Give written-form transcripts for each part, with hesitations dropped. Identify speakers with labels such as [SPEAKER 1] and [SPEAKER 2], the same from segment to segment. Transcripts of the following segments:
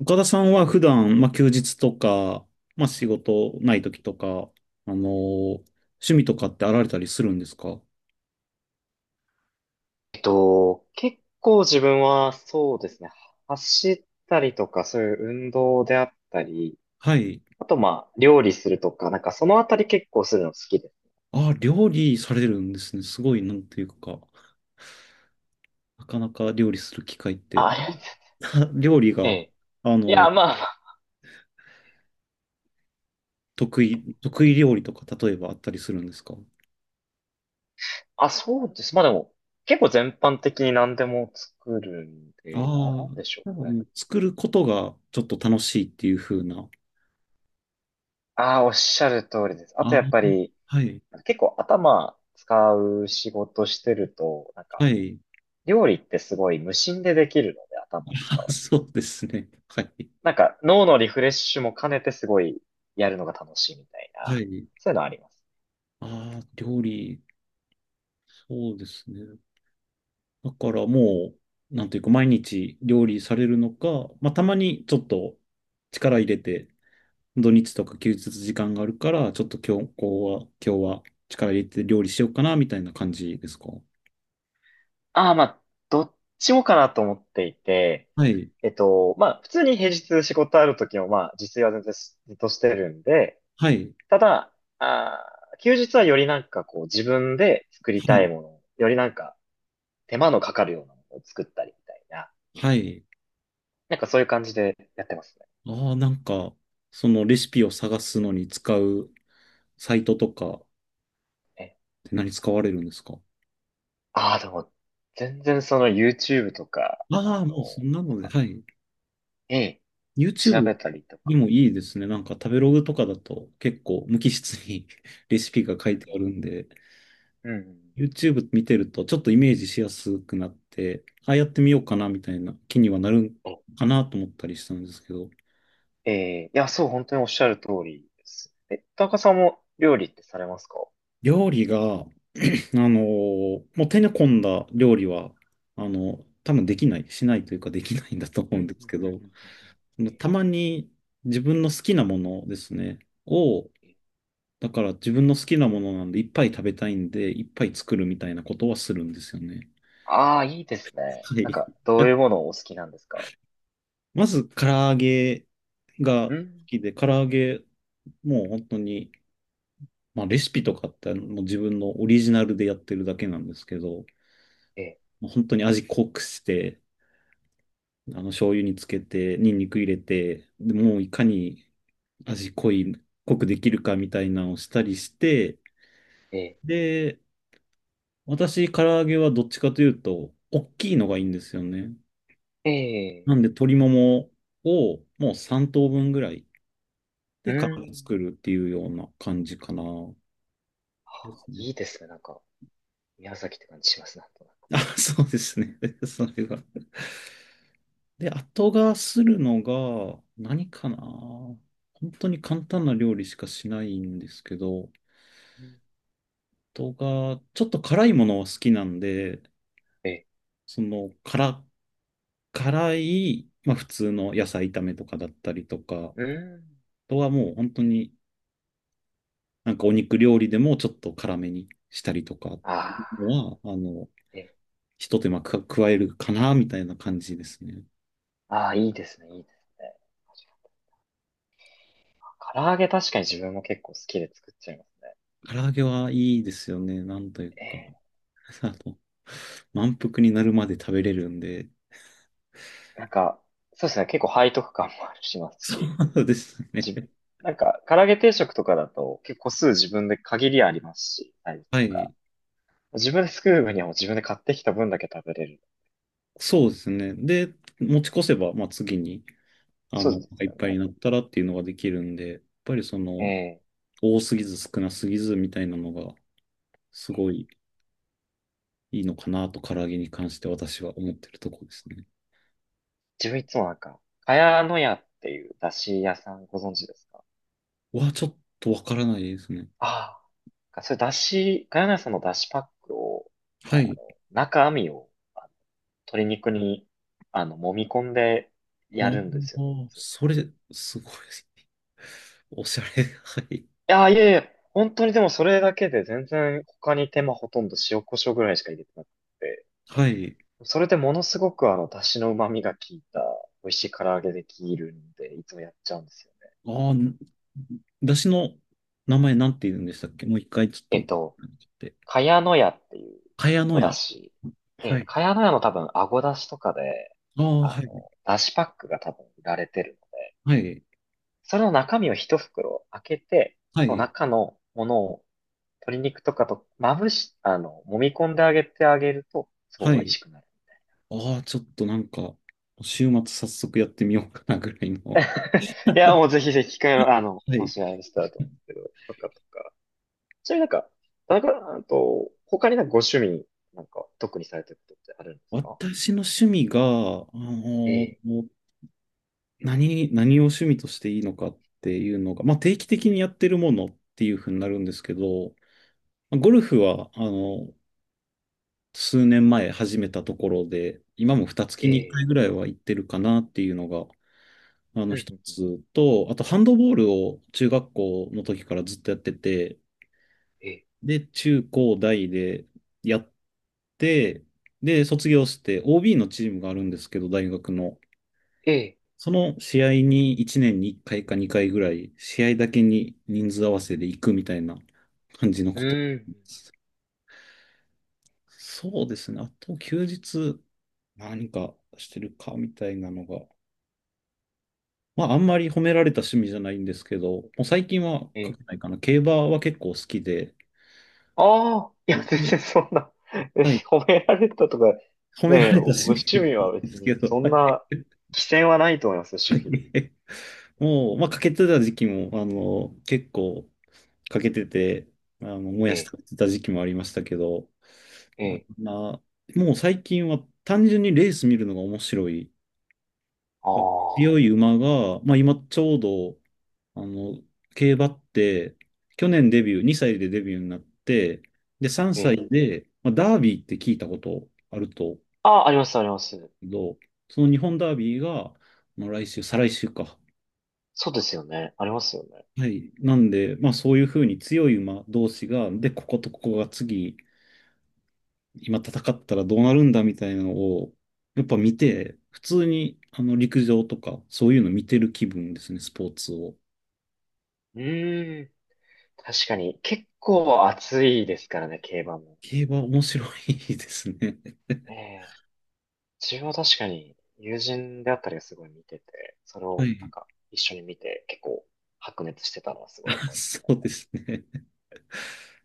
[SPEAKER 1] 岡田さんは普段、まあ、休日とか、まあ、仕事ない時とか、あのー趣味とかってあられたりするんですか？
[SPEAKER 2] 結構自分はそうですね、走ったりとか、そういう運動であったり、
[SPEAKER 1] はい。
[SPEAKER 2] あとまあ、料理するとか、そのあたり結構するの好きです。
[SPEAKER 1] あ、料理されるんですね。すごい、なんていうか、なかなか料理する機会って。
[SPEAKER 2] あ、ありがとうございます。
[SPEAKER 1] 料理
[SPEAKER 2] え
[SPEAKER 1] が、
[SPEAKER 2] え。
[SPEAKER 1] あ
[SPEAKER 2] いや、
[SPEAKER 1] の、
[SPEAKER 2] まあ、
[SPEAKER 1] 得意料理とか、例えばあったりするんですか？
[SPEAKER 2] あ、そうです。まあでも、結構全般的に何でも作るん
[SPEAKER 1] あ
[SPEAKER 2] で、
[SPEAKER 1] あ
[SPEAKER 2] なん
[SPEAKER 1] ー、
[SPEAKER 2] でしょ
[SPEAKER 1] なんか
[SPEAKER 2] うね。
[SPEAKER 1] もう作ることがちょっと楽しいっていう風な。
[SPEAKER 2] ああ、おっしゃる通りです。あと
[SPEAKER 1] ああ、
[SPEAKER 2] やっぱり、
[SPEAKER 1] はい、
[SPEAKER 2] 結構頭使う仕事してると、
[SPEAKER 1] はい。
[SPEAKER 2] 料理ってすごい無心でできるので、頭を使
[SPEAKER 1] あ、
[SPEAKER 2] わず。
[SPEAKER 1] そうですね。はい。
[SPEAKER 2] なんか脳のリフレッシュも兼ねてすごいやるのが楽しいみたいな、
[SPEAKER 1] はい。
[SPEAKER 2] そういうのはあります。
[SPEAKER 1] ああ、料理、そうですね。だからもう、なんというか、毎日料理されるのか、まあ、たまにちょっと力入れて、土日とか休日時間があるから、ちょっと今日、こうは、今日は力入れて料理しようかな、みたいな感じですか？
[SPEAKER 2] ああ、まあ、どっちもかなと思っていて、
[SPEAKER 1] はい、
[SPEAKER 2] まあ、普通に平日仕事ある時も、まあ、自炊は全然ずっとしてるんで、
[SPEAKER 1] はい、
[SPEAKER 2] ただ、あー休日はよりなんかこう自分で作り
[SPEAKER 1] は
[SPEAKER 2] たい
[SPEAKER 1] い、
[SPEAKER 2] もの、よりなんか手間のかかるようなものを作ったりみたいな、
[SPEAKER 1] はい。
[SPEAKER 2] なんかそういう感じでやってます
[SPEAKER 1] ああ、なんか、そのレシピを探すのに使うサイトとかっ
[SPEAKER 2] ね。
[SPEAKER 1] て何使われるんですか？
[SPEAKER 2] ああ、でも、全然その YouTube とか、
[SPEAKER 1] ああもうそんなので、はい。
[SPEAKER 2] ええ、調
[SPEAKER 1] YouTube
[SPEAKER 2] べたりと
[SPEAKER 1] に
[SPEAKER 2] か。
[SPEAKER 1] もいいですね。なんか食べログとかだと結構無機質に レシピが書
[SPEAKER 2] う
[SPEAKER 1] い
[SPEAKER 2] ん。
[SPEAKER 1] てあるんで、
[SPEAKER 2] うん。
[SPEAKER 1] YouTube 見てるとちょっとイメージしやすくなって、ああやってみようかなみたいな気にはなる
[SPEAKER 2] お、
[SPEAKER 1] かなと思ったりしたんですけど、
[SPEAKER 2] ええ、いや、そう、本当におっしゃる通りです。え、田中さんも料理ってされますか？
[SPEAKER 1] 料理が、あのもう手の込んだ料理は、多分できない、しないというかできないんだと思
[SPEAKER 2] う
[SPEAKER 1] う
[SPEAKER 2] んう
[SPEAKER 1] ん
[SPEAKER 2] ん
[SPEAKER 1] で
[SPEAKER 2] う
[SPEAKER 1] す
[SPEAKER 2] ん
[SPEAKER 1] け
[SPEAKER 2] うん。
[SPEAKER 1] ど、
[SPEAKER 2] うんうん。え
[SPEAKER 1] たまに自分の好きなものですね、を
[SPEAKER 2] え。
[SPEAKER 1] だから自分の好きなものなんでいっぱい食べたいんで、いっぱい作るみたいなことはするんですよね。
[SPEAKER 2] ああ、いいですね。
[SPEAKER 1] は
[SPEAKER 2] なん
[SPEAKER 1] い。
[SPEAKER 2] か、どう いうものをお好きなんですか？
[SPEAKER 1] まず唐揚げが
[SPEAKER 2] う
[SPEAKER 1] 好
[SPEAKER 2] ん。
[SPEAKER 1] きで、唐揚げもう本当に、まあ、レシピとかってもう自分のオリジナルでやってるだけなんですけど、
[SPEAKER 2] ええ、
[SPEAKER 1] もう本当に味濃くして、醤油につけて、ニンニク入れて、でもういかに味濃い、濃くできるかみたいなのをしたりして、
[SPEAKER 2] え
[SPEAKER 1] で、私、唐揚げはどっちかというと、大きいのがいいんですよね。
[SPEAKER 2] え、
[SPEAKER 1] なん
[SPEAKER 2] ええ、
[SPEAKER 1] で鶏ももをもう3等分ぐらい
[SPEAKER 2] う
[SPEAKER 1] で皮を
[SPEAKER 2] ん。
[SPEAKER 1] 作るっていうような感じかな。ですね。
[SPEAKER 2] いいですね。なんか、宮崎って感じしますね、なんとなく。
[SPEAKER 1] あ、そうですね。それが。で、後がするのが何かな。本当に簡単な料理しかしないんですけど、
[SPEAKER 2] うん。
[SPEAKER 1] 後がちょっと辛いものは好きなんで、
[SPEAKER 2] ええ、
[SPEAKER 1] その辛、辛い、まあ普通の野菜炒めとかだったりとか、あ
[SPEAKER 2] うん。
[SPEAKER 1] とはもう本当になんかお肉料理でもちょっと辛めにしたりとかっ
[SPEAKER 2] あ
[SPEAKER 1] てい
[SPEAKER 2] あ、
[SPEAKER 1] うのは、
[SPEAKER 2] ええ、
[SPEAKER 1] ひと手間か加えるかな、みたいな感じですね。
[SPEAKER 2] ああ、いいですね、いいですね。唐揚げ確かに自分も結構好きで作っちゃいますね。
[SPEAKER 1] 唐揚げはいいですよね。なんという
[SPEAKER 2] え
[SPEAKER 1] か。
[SPEAKER 2] え。
[SPEAKER 1] あの、満腹になるまで食べれるんで。
[SPEAKER 2] なんか、そうですね、結構背徳感もあるします
[SPEAKER 1] そ
[SPEAKER 2] し、
[SPEAKER 1] うです
[SPEAKER 2] じ、
[SPEAKER 1] ね。
[SPEAKER 2] なんか、唐揚げ定食とかだと結構個数自分で限りありますし、サイズ
[SPEAKER 1] は
[SPEAKER 2] とか。
[SPEAKER 1] い。
[SPEAKER 2] 自分で作る分にはもう自分で買ってきた分だけ食べれる。
[SPEAKER 1] そうですね。で、持ち越せば、まあ、次に、
[SPEAKER 2] そうです
[SPEAKER 1] いっ
[SPEAKER 2] よ
[SPEAKER 1] ぱいに
[SPEAKER 2] ね。
[SPEAKER 1] なったらっていうのができるんで、やっぱり
[SPEAKER 2] ええ。
[SPEAKER 1] 多すぎず少なすぎずみたいなのが、すごいいいのかなと、唐揚げに関して私は思ってるところですね。
[SPEAKER 2] 自分いつもなんか、かやのやっていう出汁屋さんご存知ですか？
[SPEAKER 1] はちょっとわからないですね。
[SPEAKER 2] ああ。それ出汁、かやのやさんの出汁パックを、あ
[SPEAKER 1] は
[SPEAKER 2] の、
[SPEAKER 1] い。
[SPEAKER 2] 中身を、あの鶏肉に、あの、揉み込んでや
[SPEAKER 1] お
[SPEAKER 2] るんですよね。
[SPEAKER 1] ー、それ、すごい。おしゃれ。はい。
[SPEAKER 2] やー、いやいや、本当にでもそれだけで全然他に手間ほとんど塩コショウぐらいしか入れてなくて、
[SPEAKER 1] はい。
[SPEAKER 2] それでものすごくあの、出汁の旨味が効いた美味しい唐揚げできるんで、いつもやっちゃうんですよね。
[SPEAKER 1] ああ、だしの名前なんて言うんでしたっけ？もう一回ち
[SPEAKER 2] え
[SPEAKER 1] ょっ
[SPEAKER 2] っ
[SPEAKER 1] と。
[SPEAKER 2] と、茅の屋っていう
[SPEAKER 1] 茅野
[SPEAKER 2] お出
[SPEAKER 1] 屋。
[SPEAKER 2] 汁。
[SPEAKER 1] は
[SPEAKER 2] で、
[SPEAKER 1] い。
[SPEAKER 2] 茅の屋の多分、あご出汁とかで、
[SPEAKER 1] ああ、
[SPEAKER 2] あ
[SPEAKER 1] は
[SPEAKER 2] の、
[SPEAKER 1] い。
[SPEAKER 2] 出汁パックが多分売られてるので、
[SPEAKER 1] はい。
[SPEAKER 2] それの中身を一袋開けて、
[SPEAKER 1] は
[SPEAKER 2] その
[SPEAKER 1] い。
[SPEAKER 2] 中のものを鶏肉とかとまぶし、あの、揉み込んであげてあげると、す
[SPEAKER 1] は
[SPEAKER 2] ごい美味
[SPEAKER 1] い。
[SPEAKER 2] しくなる。
[SPEAKER 1] ああ、ちょっとなんか、週末早速やってみようかなぐらいの。
[SPEAKER 2] いや、もうぜひぜひ機会の、あの、
[SPEAKER 1] は
[SPEAKER 2] も
[SPEAKER 1] い。
[SPEAKER 2] しあれしたらと思うんですけど、とかとか。ちなみになんか、田中さんと、他になんかご趣味、なんか、特にされてることってあるんですか？
[SPEAKER 1] 私の趣味が、
[SPEAKER 2] え
[SPEAKER 1] の
[SPEAKER 2] え、
[SPEAKER 1] 何を趣味としていいのかっていうのが、まあ、定期的にやってるものっていうふうになるんですけど、まあゴルフは、数年前始めたところで、今も2月
[SPEAKER 2] え
[SPEAKER 1] に1回
[SPEAKER 2] え、
[SPEAKER 1] ぐらいは行ってるかなっていうのが、あ
[SPEAKER 2] う
[SPEAKER 1] の
[SPEAKER 2] ん、うん、
[SPEAKER 1] 一
[SPEAKER 2] うん。
[SPEAKER 1] つと、あとハンドボールを中学校の時からずっとやってて、
[SPEAKER 2] ええ、
[SPEAKER 1] で、中高大でやって、で、卒業して OB のチームがあるんですけど、大学の。
[SPEAKER 2] ええ、
[SPEAKER 1] その試合に1年に1回か2回ぐらい、試合だけに人数合わせで行くみたいな感じの
[SPEAKER 2] う
[SPEAKER 1] こと。
[SPEAKER 2] ん、
[SPEAKER 1] そうですね。あと休日何かしてるかみたいなのが。まああんまり褒められた趣味じゃないんですけど、もう最近は
[SPEAKER 2] え
[SPEAKER 1] 書
[SPEAKER 2] え。
[SPEAKER 1] けないかな。競馬は結構好きで、
[SPEAKER 2] ああ、いや、全
[SPEAKER 1] 僕
[SPEAKER 2] 然そんな、え、
[SPEAKER 1] はい、
[SPEAKER 2] 褒められたとか、
[SPEAKER 1] 褒めら
[SPEAKER 2] ねえ、
[SPEAKER 1] れ
[SPEAKER 2] ご
[SPEAKER 1] た趣味
[SPEAKER 2] 趣味
[SPEAKER 1] ではな
[SPEAKER 2] は
[SPEAKER 1] いんで
[SPEAKER 2] 別
[SPEAKER 1] すけ
[SPEAKER 2] に、
[SPEAKER 1] ど、
[SPEAKER 2] そ
[SPEAKER 1] は
[SPEAKER 2] ん
[SPEAKER 1] い。
[SPEAKER 2] な、規制はないと思いますよ、
[SPEAKER 1] は
[SPEAKER 2] 趣味に。
[SPEAKER 1] いもう、まあ、かけてた時期も、結構、かけてて、も
[SPEAKER 2] え
[SPEAKER 1] やし
[SPEAKER 2] え、
[SPEAKER 1] 食べてた時期もありましたけど、
[SPEAKER 2] え
[SPEAKER 1] あ
[SPEAKER 2] え、
[SPEAKER 1] まあ、もう最近は単純にレース見るのが面白い。
[SPEAKER 2] ああ、
[SPEAKER 1] 強い馬が、まあ今ちょうど、あの、競馬って、去年デビュー、2歳でデビューになって、で、3
[SPEAKER 2] ええ。
[SPEAKER 1] 歳で、まあ、ダービーって聞いたことあると思う
[SPEAKER 2] ああ、あります、あります。
[SPEAKER 1] けど、その日本ダービーが、まあ、来週、再来週か。
[SPEAKER 2] そうですよね。ありますよね。
[SPEAKER 1] はい。なんで、まあそういうふうに強い馬同士が、で、こことここが次、今戦ったらどうなるんだみたいなのを、やっぱ見て、普通にあの陸上とか、そういうの見てる気分ですね、スポーツを。
[SPEAKER 2] うーん。確かに、結構暑いですからね、競馬も。
[SPEAKER 1] 競馬面白いですね。
[SPEAKER 2] ええ。自分は確かに、友人であったりがすごい見てて、それ
[SPEAKER 1] は
[SPEAKER 2] を
[SPEAKER 1] い。
[SPEAKER 2] なんか一緒に見て、結構白熱してたのはすごい
[SPEAKER 1] あ
[SPEAKER 2] 思います
[SPEAKER 1] そ
[SPEAKER 2] ね。
[SPEAKER 1] うですね。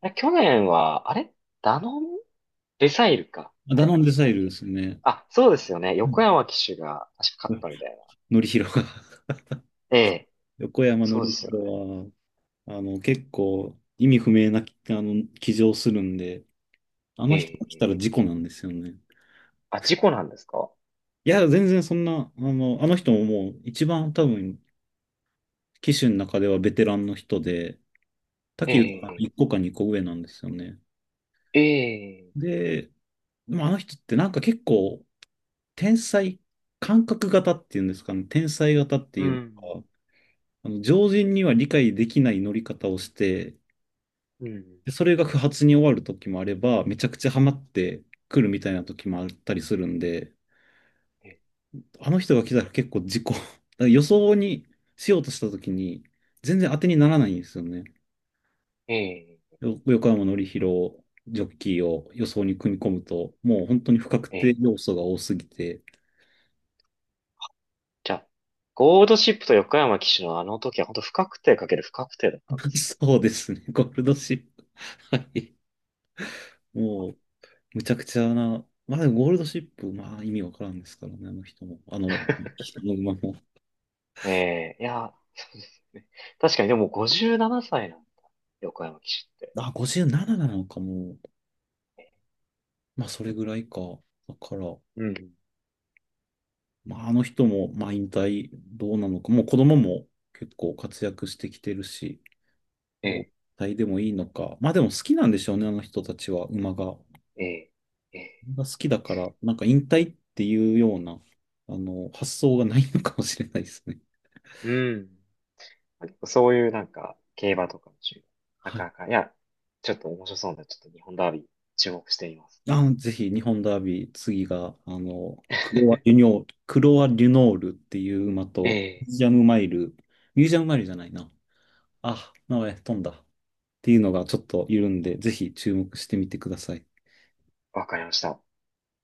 [SPEAKER 2] あれ去年は、あれダノンレサイルか。あ
[SPEAKER 1] ダ
[SPEAKER 2] れ違っ
[SPEAKER 1] ノンデサ
[SPEAKER 2] た
[SPEAKER 1] イ
[SPEAKER 2] っ
[SPEAKER 1] ルで
[SPEAKER 2] け？
[SPEAKER 1] すね。
[SPEAKER 2] あ、そうですよね。
[SPEAKER 1] う
[SPEAKER 2] 横
[SPEAKER 1] ん。
[SPEAKER 2] 山騎手が確か勝ったみたいな。
[SPEAKER 1] のりひろが
[SPEAKER 2] ええ。
[SPEAKER 1] 横山の
[SPEAKER 2] そうで
[SPEAKER 1] り
[SPEAKER 2] す
[SPEAKER 1] ひ
[SPEAKER 2] よ
[SPEAKER 1] ろ
[SPEAKER 2] ね。
[SPEAKER 1] は、結構意味不明な、騎乗するんで、あ
[SPEAKER 2] え
[SPEAKER 1] の人
[SPEAKER 2] え。
[SPEAKER 1] が来
[SPEAKER 2] ええ、
[SPEAKER 1] たら事故なんですよね。
[SPEAKER 2] あ、事故なんですか？
[SPEAKER 1] いや、全然そんな、あの人ももう一番多分騎手の中ではベテランの人で、武豊
[SPEAKER 2] え
[SPEAKER 1] の
[SPEAKER 2] え。
[SPEAKER 1] 1個か2個上なんですよね。
[SPEAKER 2] ええ。
[SPEAKER 1] で、でもあの人ってなんか結構天才、感覚型っていうんですかね、天才型って
[SPEAKER 2] う
[SPEAKER 1] いうの
[SPEAKER 2] ん。
[SPEAKER 1] か、あの常人には理解できない乗り方をして、
[SPEAKER 2] うん。
[SPEAKER 1] でそれが不発に終わる時もあれば、めちゃくちゃハマってくるみたいな時もあったりするんで、
[SPEAKER 2] ええ。
[SPEAKER 1] あの人が来たら結構事故、予想にしようとした時に全然当てにならないんですよね。
[SPEAKER 2] ええ。
[SPEAKER 1] 横山典弘ジョッキーを予想に組み込むと、もう本当に不確
[SPEAKER 2] え
[SPEAKER 1] 定
[SPEAKER 2] え、
[SPEAKER 1] 要素が多すぎて、
[SPEAKER 2] じゃあ、ゴールドシップと横山騎手のあの時は本当不確定かける不確定だったんですね。
[SPEAKER 1] そうですね、ゴールドシップ。はい。もう、むちゃくちゃな、まあでもゴールドシップ、まあ意味わからんですからね、あの人も。人の馬も。
[SPEAKER 2] ええ、いや、そうですね。確かにでも57歳ななさいなんだ。横山騎手って。
[SPEAKER 1] あ、57なななのかも。まあそれぐらいか。だから、
[SPEAKER 2] うん。
[SPEAKER 1] まああの人も、まあ引退どうなのか。もう子供も結構活躍してきてるし、
[SPEAKER 2] え
[SPEAKER 1] 引
[SPEAKER 2] え、
[SPEAKER 1] 退でもいいのか。まあでも好きなんでしょうね、あの人たちは、馬が。
[SPEAKER 2] ええ、ええ。
[SPEAKER 1] が好きだから、なんか引退っていうような、発想がないのかもしれないですね。
[SPEAKER 2] うん。そういうなんか、競馬とかの趣味。な
[SPEAKER 1] は
[SPEAKER 2] か
[SPEAKER 1] い。
[SPEAKER 2] なか、いや、ちょっと面白そうなんで、ちょっと日本ダービー注目しています。
[SPEAKER 1] あ、ぜひ、日本ダービー、次が、クロア・リュノール、クロア・リュノールっていう馬
[SPEAKER 2] え
[SPEAKER 1] と、ミュ
[SPEAKER 2] え、
[SPEAKER 1] ージアムマイル、ミュージアムマイルじゃないな。あ、名前飛んだ。っていうのがちょっといるんで、ぜひ注目してみてください。
[SPEAKER 2] わかりました。